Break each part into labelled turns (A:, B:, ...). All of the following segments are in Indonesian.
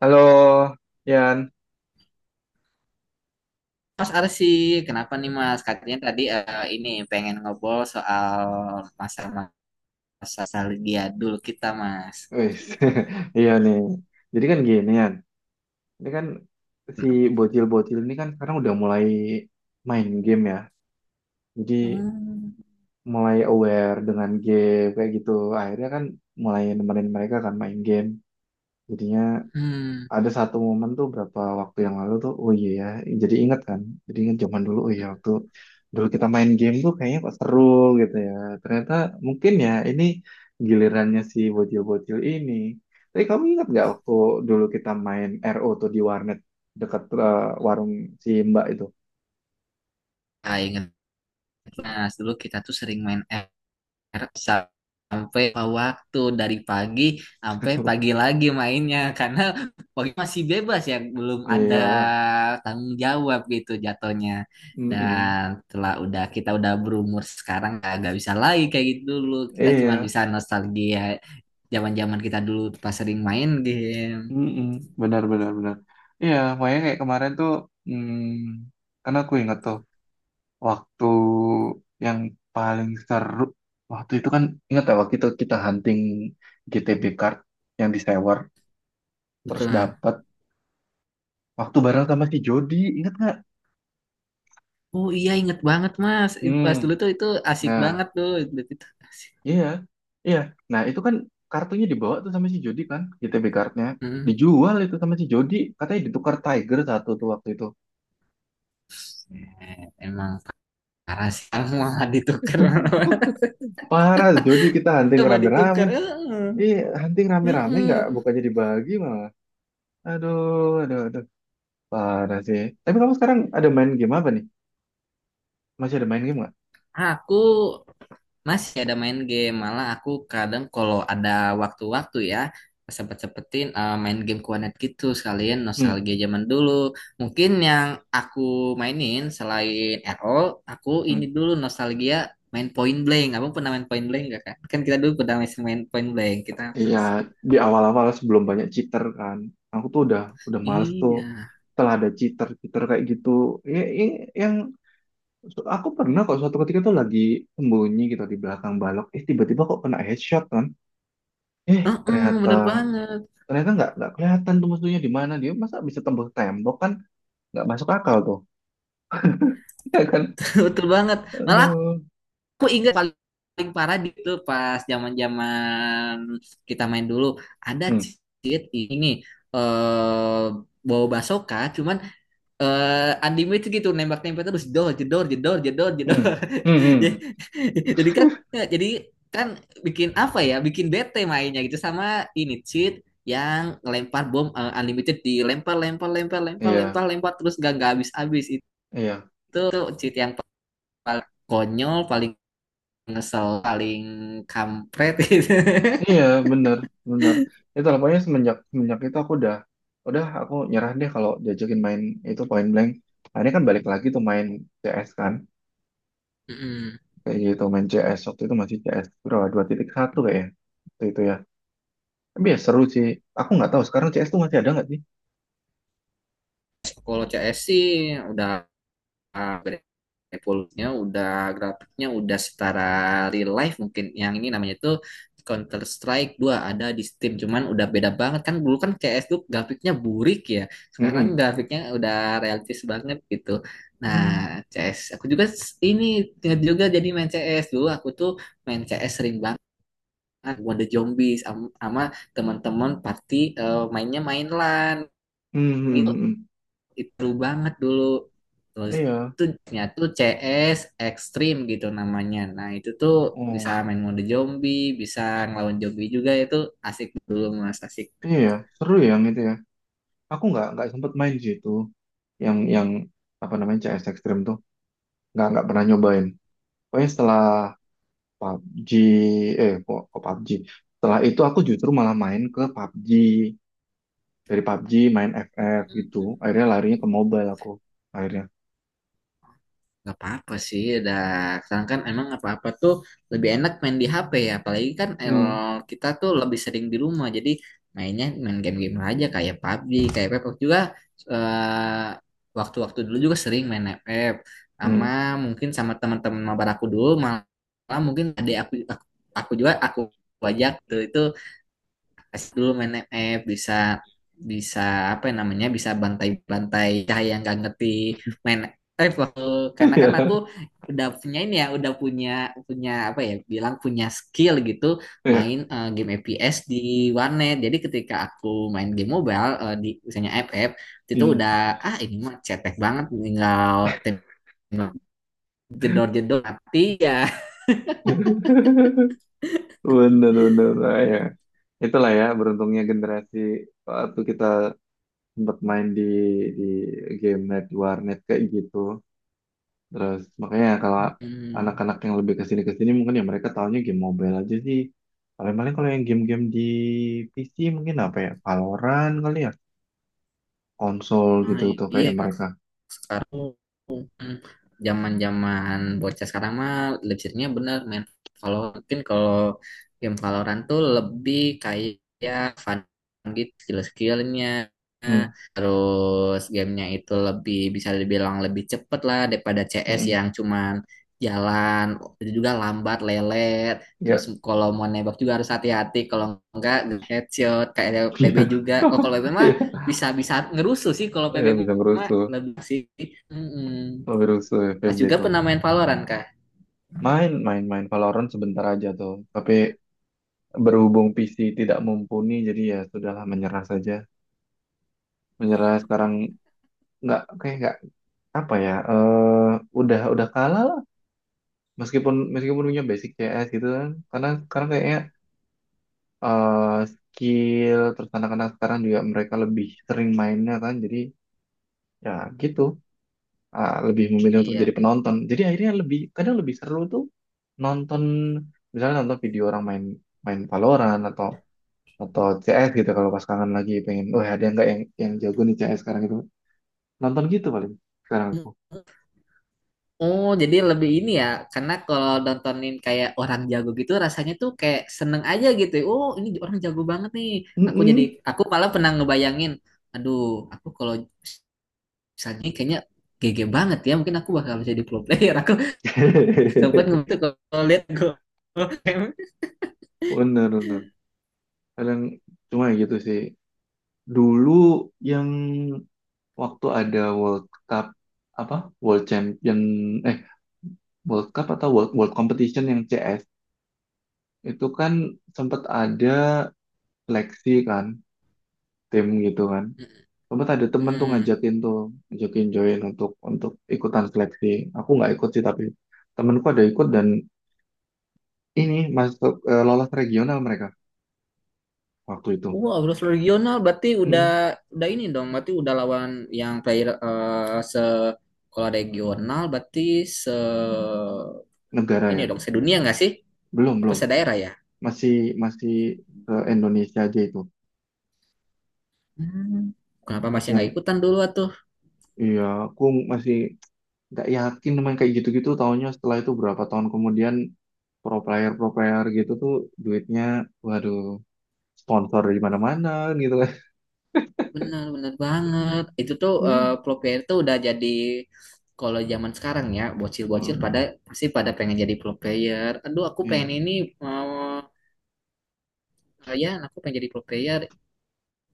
A: Halo, Yan.
B: Mas Arsi, kenapa nih Mas? Katanya tadi ini pengen ngobrol soal masa-masa nostalgia dulu kita Mas.
A: Wis, iya nih. Jadi kan gini, Yan. Ini kan si bocil-bocil ini kan sekarang udah mulai main game ya. Jadi
B: Hmm,
A: mulai aware dengan game kayak gitu. Akhirnya kan mulai nemenin mereka kan main game. Jadinya
B: hmm.
A: ada satu momen tuh berapa waktu yang lalu tuh, oh iya ya, jadi inget kan, jadi inget zaman dulu. Oh iya, waktu dulu kita main game tuh kayaknya kok seru gitu ya. Ternyata mungkin ya ini gilirannya si bocil-bocil ini. Tapi kamu ingat nggak waktu dulu kita main RO tuh di warnet dekat warung si Mbak itu?
B: Ah, ingat Mas, dulu kita tuh sering main Harap sampai waktu dari pagi sampai pagi lagi mainnya karena pagi masih bebas ya belum ada
A: Iya.
B: tanggung jawab gitu jatuhnya.
A: Mm.
B: Dan telah udah kita udah berumur sekarang, nggak bisa lagi kayak gitu. Dulu kita cuma
A: Iya.
B: bisa nostalgia zaman-zaman kita dulu pas sering main game.
A: Mm. Benar, benar, benar. Iya, makanya kayak kemarin tuh, karena aku ingat tuh waktu yang paling seru. Waktu itu kan ingat ya, waktu itu kita hunting GTB card yang di disewer terus
B: Betul. Nah,
A: dapat waktu bareng sama si Jody, ingat nggak?
B: oh iya inget banget Mas. Itu pas
A: Hmm.
B: dulu tuh itu asik
A: Nah.
B: banget tuh, itu asik.
A: Iya, iya. Nah, itu kan kartunya dibawa tuh sama si Jody kan, GTB cardnya
B: Hmm.
A: dijual itu sama si Jody, katanya ditukar Tiger satu tuh waktu itu.
B: Eh, emang parah sih mau ditukar.
A: Parah, Jody, kita hunting
B: Coba
A: rame-rame.
B: ditukar. Heeh.
A: Iya, hunting rame-rame, nggak,
B: Mm-mm.
A: bukannya dibagi malah aduh, aduh, aduh. Parah sih. Tapi kamu sekarang ada main game apa nih? Masih ada main game nggak?
B: Aku masih ada main game, malah aku kadang kalau ada waktu-waktu ya sempet-sempetin main game Kuanet gitu sekalian
A: Hmm.
B: nostalgia zaman dulu. Mungkin yang aku mainin selain RO, aku ini
A: Hmm.
B: dulu nostalgia main Point Blank. Abang pernah main Point Blank gak kan? Kan kita dulu pernah main main Point Blank. Kita
A: Iya, di awal-awal sebelum banyak cheater kan. Aku tuh udah males tuh
B: iya.
A: setelah ada cheater-cheater kayak gitu. Ya, ya, yang aku pernah kok suatu ketika tuh lagi sembunyi gitu di belakang balok. Eh, tiba-tiba kok kena headshot kan. Eh,
B: Heeh,
A: ternyata
B: bener banget.
A: ternyata nggak kelihatan tuh musuhnya di mana dia. Masa bisa tembus tembok kan? Nggak masuk akal tuh. Iya kan?
B: Betul banget. Malah
A: Aduh.
B: aku ingat paling paling parah itu pas zaman-zaman kita main dulu ada
A: Hmm.
B: cheat ini eh bawa basoka cuman unlimited gitu nembak-nembak terus jedor jedor jedor jedor jedor.
A: Hmm. Hmm.
B: jadi
A: Hmm.
B: jadi kan jadi kan bikin apa ya, bikin bete mainnya gitu, sama ini cheat yang lempar bom, unlimited, dilempar lempar lempar lempar lempar
A: Iya.
B: lempar terus gak nggak habis habis itu.
A: Iya.
B: Itu cheat yang paling konyol, paling ngesel, paling kampret gitu.
A: Iya, bener, bener. Itu lah, pokoknya semenjak itu aku udah nyerah deh kalau diajakin main itu point blank. Nah, ini kan balik lagi tuh main CS kan,
B: Mm-mm.
A: kayak gitu. Main CS waktu itu masih CS berapa? 2.1 kayaknya, waktu itu ya. Tapi ya seru sih. Aku nggak tahu sekarang CS tuh masih ada nggak sih?
B: Kalau CS sih udah uh, evolusinya, udah grafiknya udah setara real life mungkin. Yang ini namanya itu Counter Strike 2 ada di Steam, cuman udah beda banget kan. Dulu kan CS tuh grafiknya burik ya. Sekarang
A: Mm-mm.
B: grafiknya udah realistis banget gitu. Nah,
A: Hmm,
B: CS aku juga ini ingat juga jadi main CS dulu. Aku tuh main CS sering banget Wonder Zombies sama teman-teman party, mainnya main LAN
A: hmm, hmm,
B: gitu.
A: hmm, hmm.
B: Itu seru banget dulu. Terus
A: Iya,
B: itu tuh CS Extreme gitu namanya. Nah itu tuh bisa
A: oh,
B: main mode zombie, bisa ngelawan zombie juga. Itu asik dulu Mas, asik.
A: iya, seru ya yang itu ya. Aku nggak sempet main sih itu, yang apa namanya, CS Extreme tuh, nggak pernah nyobain. Pokoknya setelah PUBG, kok PUBG. Setelah itu aku justru malah main ke PUBG. Dari P U B G main FF gitu. Akhirnya larinya ke mobile aku. Akhirnya.
B: Gak apa-apa sih, udah sekarang kan emang apa-apa tuh lebih enak main di HP ya, apalagi kan el,
A: Hmm.
B: kita tuh lebih sering di rumah, jadi mainnya main game-game aja kayak PUBG, kayak Pepak juga, eh, waktu-waktu dulu juga sering main FF, sama
A: Hmm.
B: mungkin sama teman-teman mabar aku dulu. Malah mungkin ada aku ajak tuh itu Kasih dulu main MF, bisa bisa apa ya namanya, bisa bantai-bantai cahaya yang gak ngerti main, eh waktu karena kan aku
A: Ya.
B: udah punya ini ya, udah punya punya apa ya bilang, punya skill gitu
A: Iya.
B: main game FPS di warnet. Jadi ketika aku main game mobile, di misalnya FF, itu
A: Hmm.
B: udah ah ini mah cetek banget, tinggal tembak jedor-jedor mati ya.
A: Bener, bener. Nah. Ya. Itulah ya beruntungnya generasi waktu kita sempat main di game net warnet kayak gitu. Terus makanya kalau
B: Mm-mm.
A: anak-anak yang lebih ke sini mungkin ya mereka tahunya game mobile aja sih. Paling-paling kalau yang game-game di PC mungkin apa ya? Valorant kali ya, konsol
B: Nah,
A: gitu tuh
B: iya
A: kayak
B: anak
A: mereka.
B: sekarang. Hmm, zaman-zaman bocah sekarang mah lebih seringnya bener main Valorant. Mungkin kalau game Valorant tuh lebih kayak fun gitu skill-skillnya.
A: Hmm.
B: Terus gamenya itu lebih bisa dibilang lebih cepet lah daripada CS
A: Hmm.
B: yang cuman jalan. Itu juga lambat lelet. Terus
A: Ya,
B: kalau mau nembak juga harus hati-hati kalau enggak headshot kayak PB
A: iya.
B: juga. Oh kalau PB mah
A: Iya,
B: bisa bisa ngerusuh sih. Kalau PB
A: ya, bisa
B: mah
A: berusuh,
B: lebih sih. Mm-mm.
A: berusuh
B: Mas
A: FVB
B: juga
A: itu.
B: pernah main Valorant kah?
A: Main, main, main Valorant sebentar aja tuh. Tapi berhubung PC tidak mumpuni, jadi ya sudahlah menyerah saja. Menyerah sekarang nggak kayak nggak apa ya. Udah kalah meskipun meskipun punya basic CS gitu kan karena sekarang kayaknya, skill. Terus anak-anak sekarang juga mereka lebih sering mainnya kan, jadi ya gitu, lebih memilih untuk
B: Iya
A: jadi
B: gitu.
A: penonton, jadi akhirnya lebih kadang lebih seru tuh nonton, misalnya nonton video orang main main Valorant atau CS gitu kalau pas kangen lagi pengen, wah, ada nggak yang jago nih CS sekarang gitu, nonton gitu paling sekarang aku.
B: Oh, jadi lebih ini ya, karena kalau nontonin kayak orang jago gitu rasanya tuh kayak seneng aja gitu. Ya. Oh, ini orang jago banget nih. Aku jadi
A: Mm-mm.
B: aku malah pernah ngebayangin, aduh, aku kalau misalnya ini kayaknya GG banget ya, mungkin aku bakal jadi pro player. Aku sempet ngebetul kalau lihat gue.
A: Bener bener, kadang cuma ya gitu sih. Dulu yang waktu ada World Cup apa World Champion, eh, World Cup atau World World Competition yang CS itu kan sempat ada seleksi kan, tim gitu kan, sempat ada temen tuh ngajakin join untuk ikutan seleksi. Aku nggak ikut sih, tapi temenku ada ikut dan ini masuk, eh, lolos regional mereka waktu itu.
B: Wow, terus regional berarti
A: Mm-mm.
B: udah ini dong, berarti udah lawan yang player, se kalau regional berarti se
A: Negara
B: ini
A: ya.
B: dong sedunia nggak sih?
A: Belum,
B: Apa
A: belum.
B: sedaerah ya?
A: Masih masih ke Indonesia aja itu
B: Hmm, kenapa masih
A: masih yang
B: nggak ikutan dulu atuh?
A: Iya, aku masih nggak yakin main kayak gitu-gitu. Taunya setelah itu berapa tahun kemudian pro player gitu tuh duitnya, waduh, sponsor di mana-mana gitu kan.
B: Benar-benar banget. Itu tuh
A: Hmm.
B: pro player tuh udah jadi, kalau zaman sekarang ya bocil-bocil
A: Oh,
B: pada pasti pada pengen jadi pro player. Aduh, aku
A: iya,
B: pengen ini, mau ya, aku pengen jadi pro player.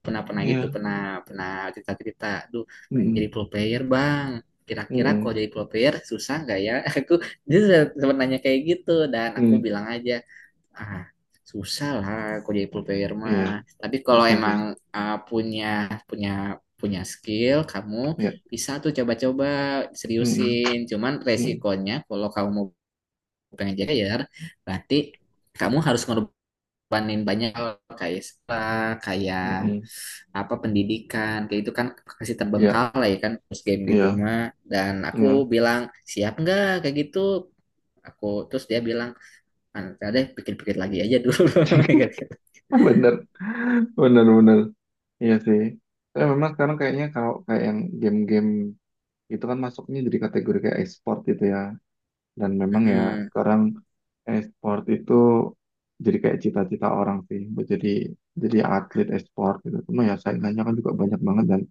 B: Pernah pernah gitu
A: iya.
B: pernah pernah cerita cerita, duh pengen jadi
A: Mm-mm.
B: pro player bang, kira-kira kalau
A: Mm-mm.
B: jadi pro player susah nggak ya. Aku dia sempat nanya kayak gitu dan aku
A: Mm.
B: bilang aja, ah susah lah kalau jadi pro player
A: Iya,
B: mah. Tapi kalau
A: susah sih.
B: emang punya punya punya skill kamu,
A: Iya.
B: bisa tuh coba-coba
A: Mm-mm.
B: seriusin. Cuman
A: Mm.
B: resikonya kalau kamu mau pengen jadi player, berarti kamu harus ngorbanin banyak hal kayak sekolah, kayak
A: Mm-mm.
B: apa pendidikan, kayak itu kan kasih
A: Iya,
B: terbengkalai ya kan, terus game gitu
A: iya,
B: mah. Dan aku
A: iya.
B: bilang siap nggak kayak gitu aku. Terus dia bilang, "Ah, nanti deh pikir-pikir lagi aja dulu." Gitu.
A: Bener, bener, bener. Iya sih. Tapi memang sekarang kayaknya kalau kayak yang game-game itu kan masuknya jadi kategori kayak e-sport gitu ya. Dan memang ya
B: Mm,
A: sekarang e-sport itu jadi kayak cita-cita orang sih buat jadi atlet e-sport gitu. Cuma ya saingannya kan juga banyak banget dan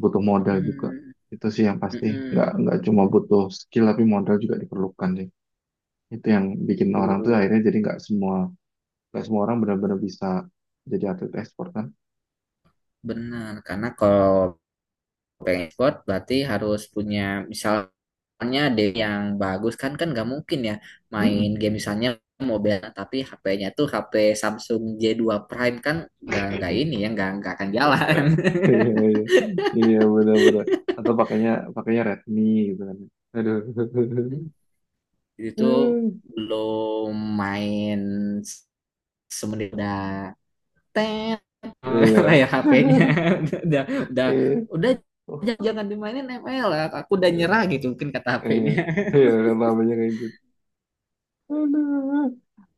A: butuh modal juga.
B: mm,
A: Itu sih yang pasti. Nggak
B: mm,
A: nggak cuma butuh skill tapi modal juga diperlukan sih. Itu yang bikin orang tuh
B: tuh
A: akhirnya jadi nggak semua orang benar-benar bisa jadi atlet e-sport kan.
B: benar. Karena kalau pengen sport berarti harus punya, misalnya ada yang bagus kan, kan nggak mungkin ya main
A: Mm-mm.
B: game misalnya mobil tapi HP-nya tuh HP Samsung J2 Prime kan, nggak ini ya, nggak akan jalan.
A: Iya, iya, iya, benar-benar. Atau pakainya pakainya Redmi gitu kan. Aduh.
B: Hmm. Itu belum main s- semenit udah tet.
A: Iya.
B: Layar HP-nya udah udah
A: Iya.
B: udah
A: Oh,
B: jangan, jangan dimainin ML, aku udah
A: iya.
B: nyerah gitu mungkin kata
A: Iya.
B: HP-nya.
A: Iya, kan namanya kayak gitu. Aduh.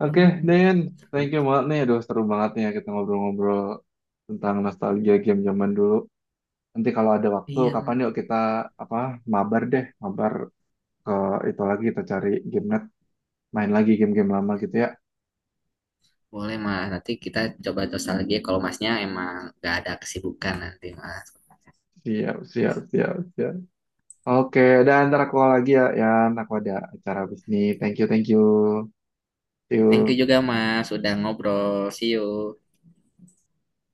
A: Oke,
B: Hmm,
A: Dayan. Thank you banget nih. Aduh, seru banget nih ya kita ngobrol-ngobrol tentang nostalgia game zaman dulu. Nanti kalau ada waktu,
B: iya mah
A: kapan yuk kita apa mabar deh. Mabar ke itu lagi, kita cari game net. Main lagi game-game lama gitu ya.
B: boleh mah nanti kita coba lagi ya. Kalau masnya emang gak ada kesibukan nanti Mas.
A: Siap, siap, siap, siap. Oke, dan ntar aku lagi ya. Ya, aku ada acara bisnis. Thank you, thank you. See
B: Thank you
A: you.
B: juga Mas sudah ngobrol. See you.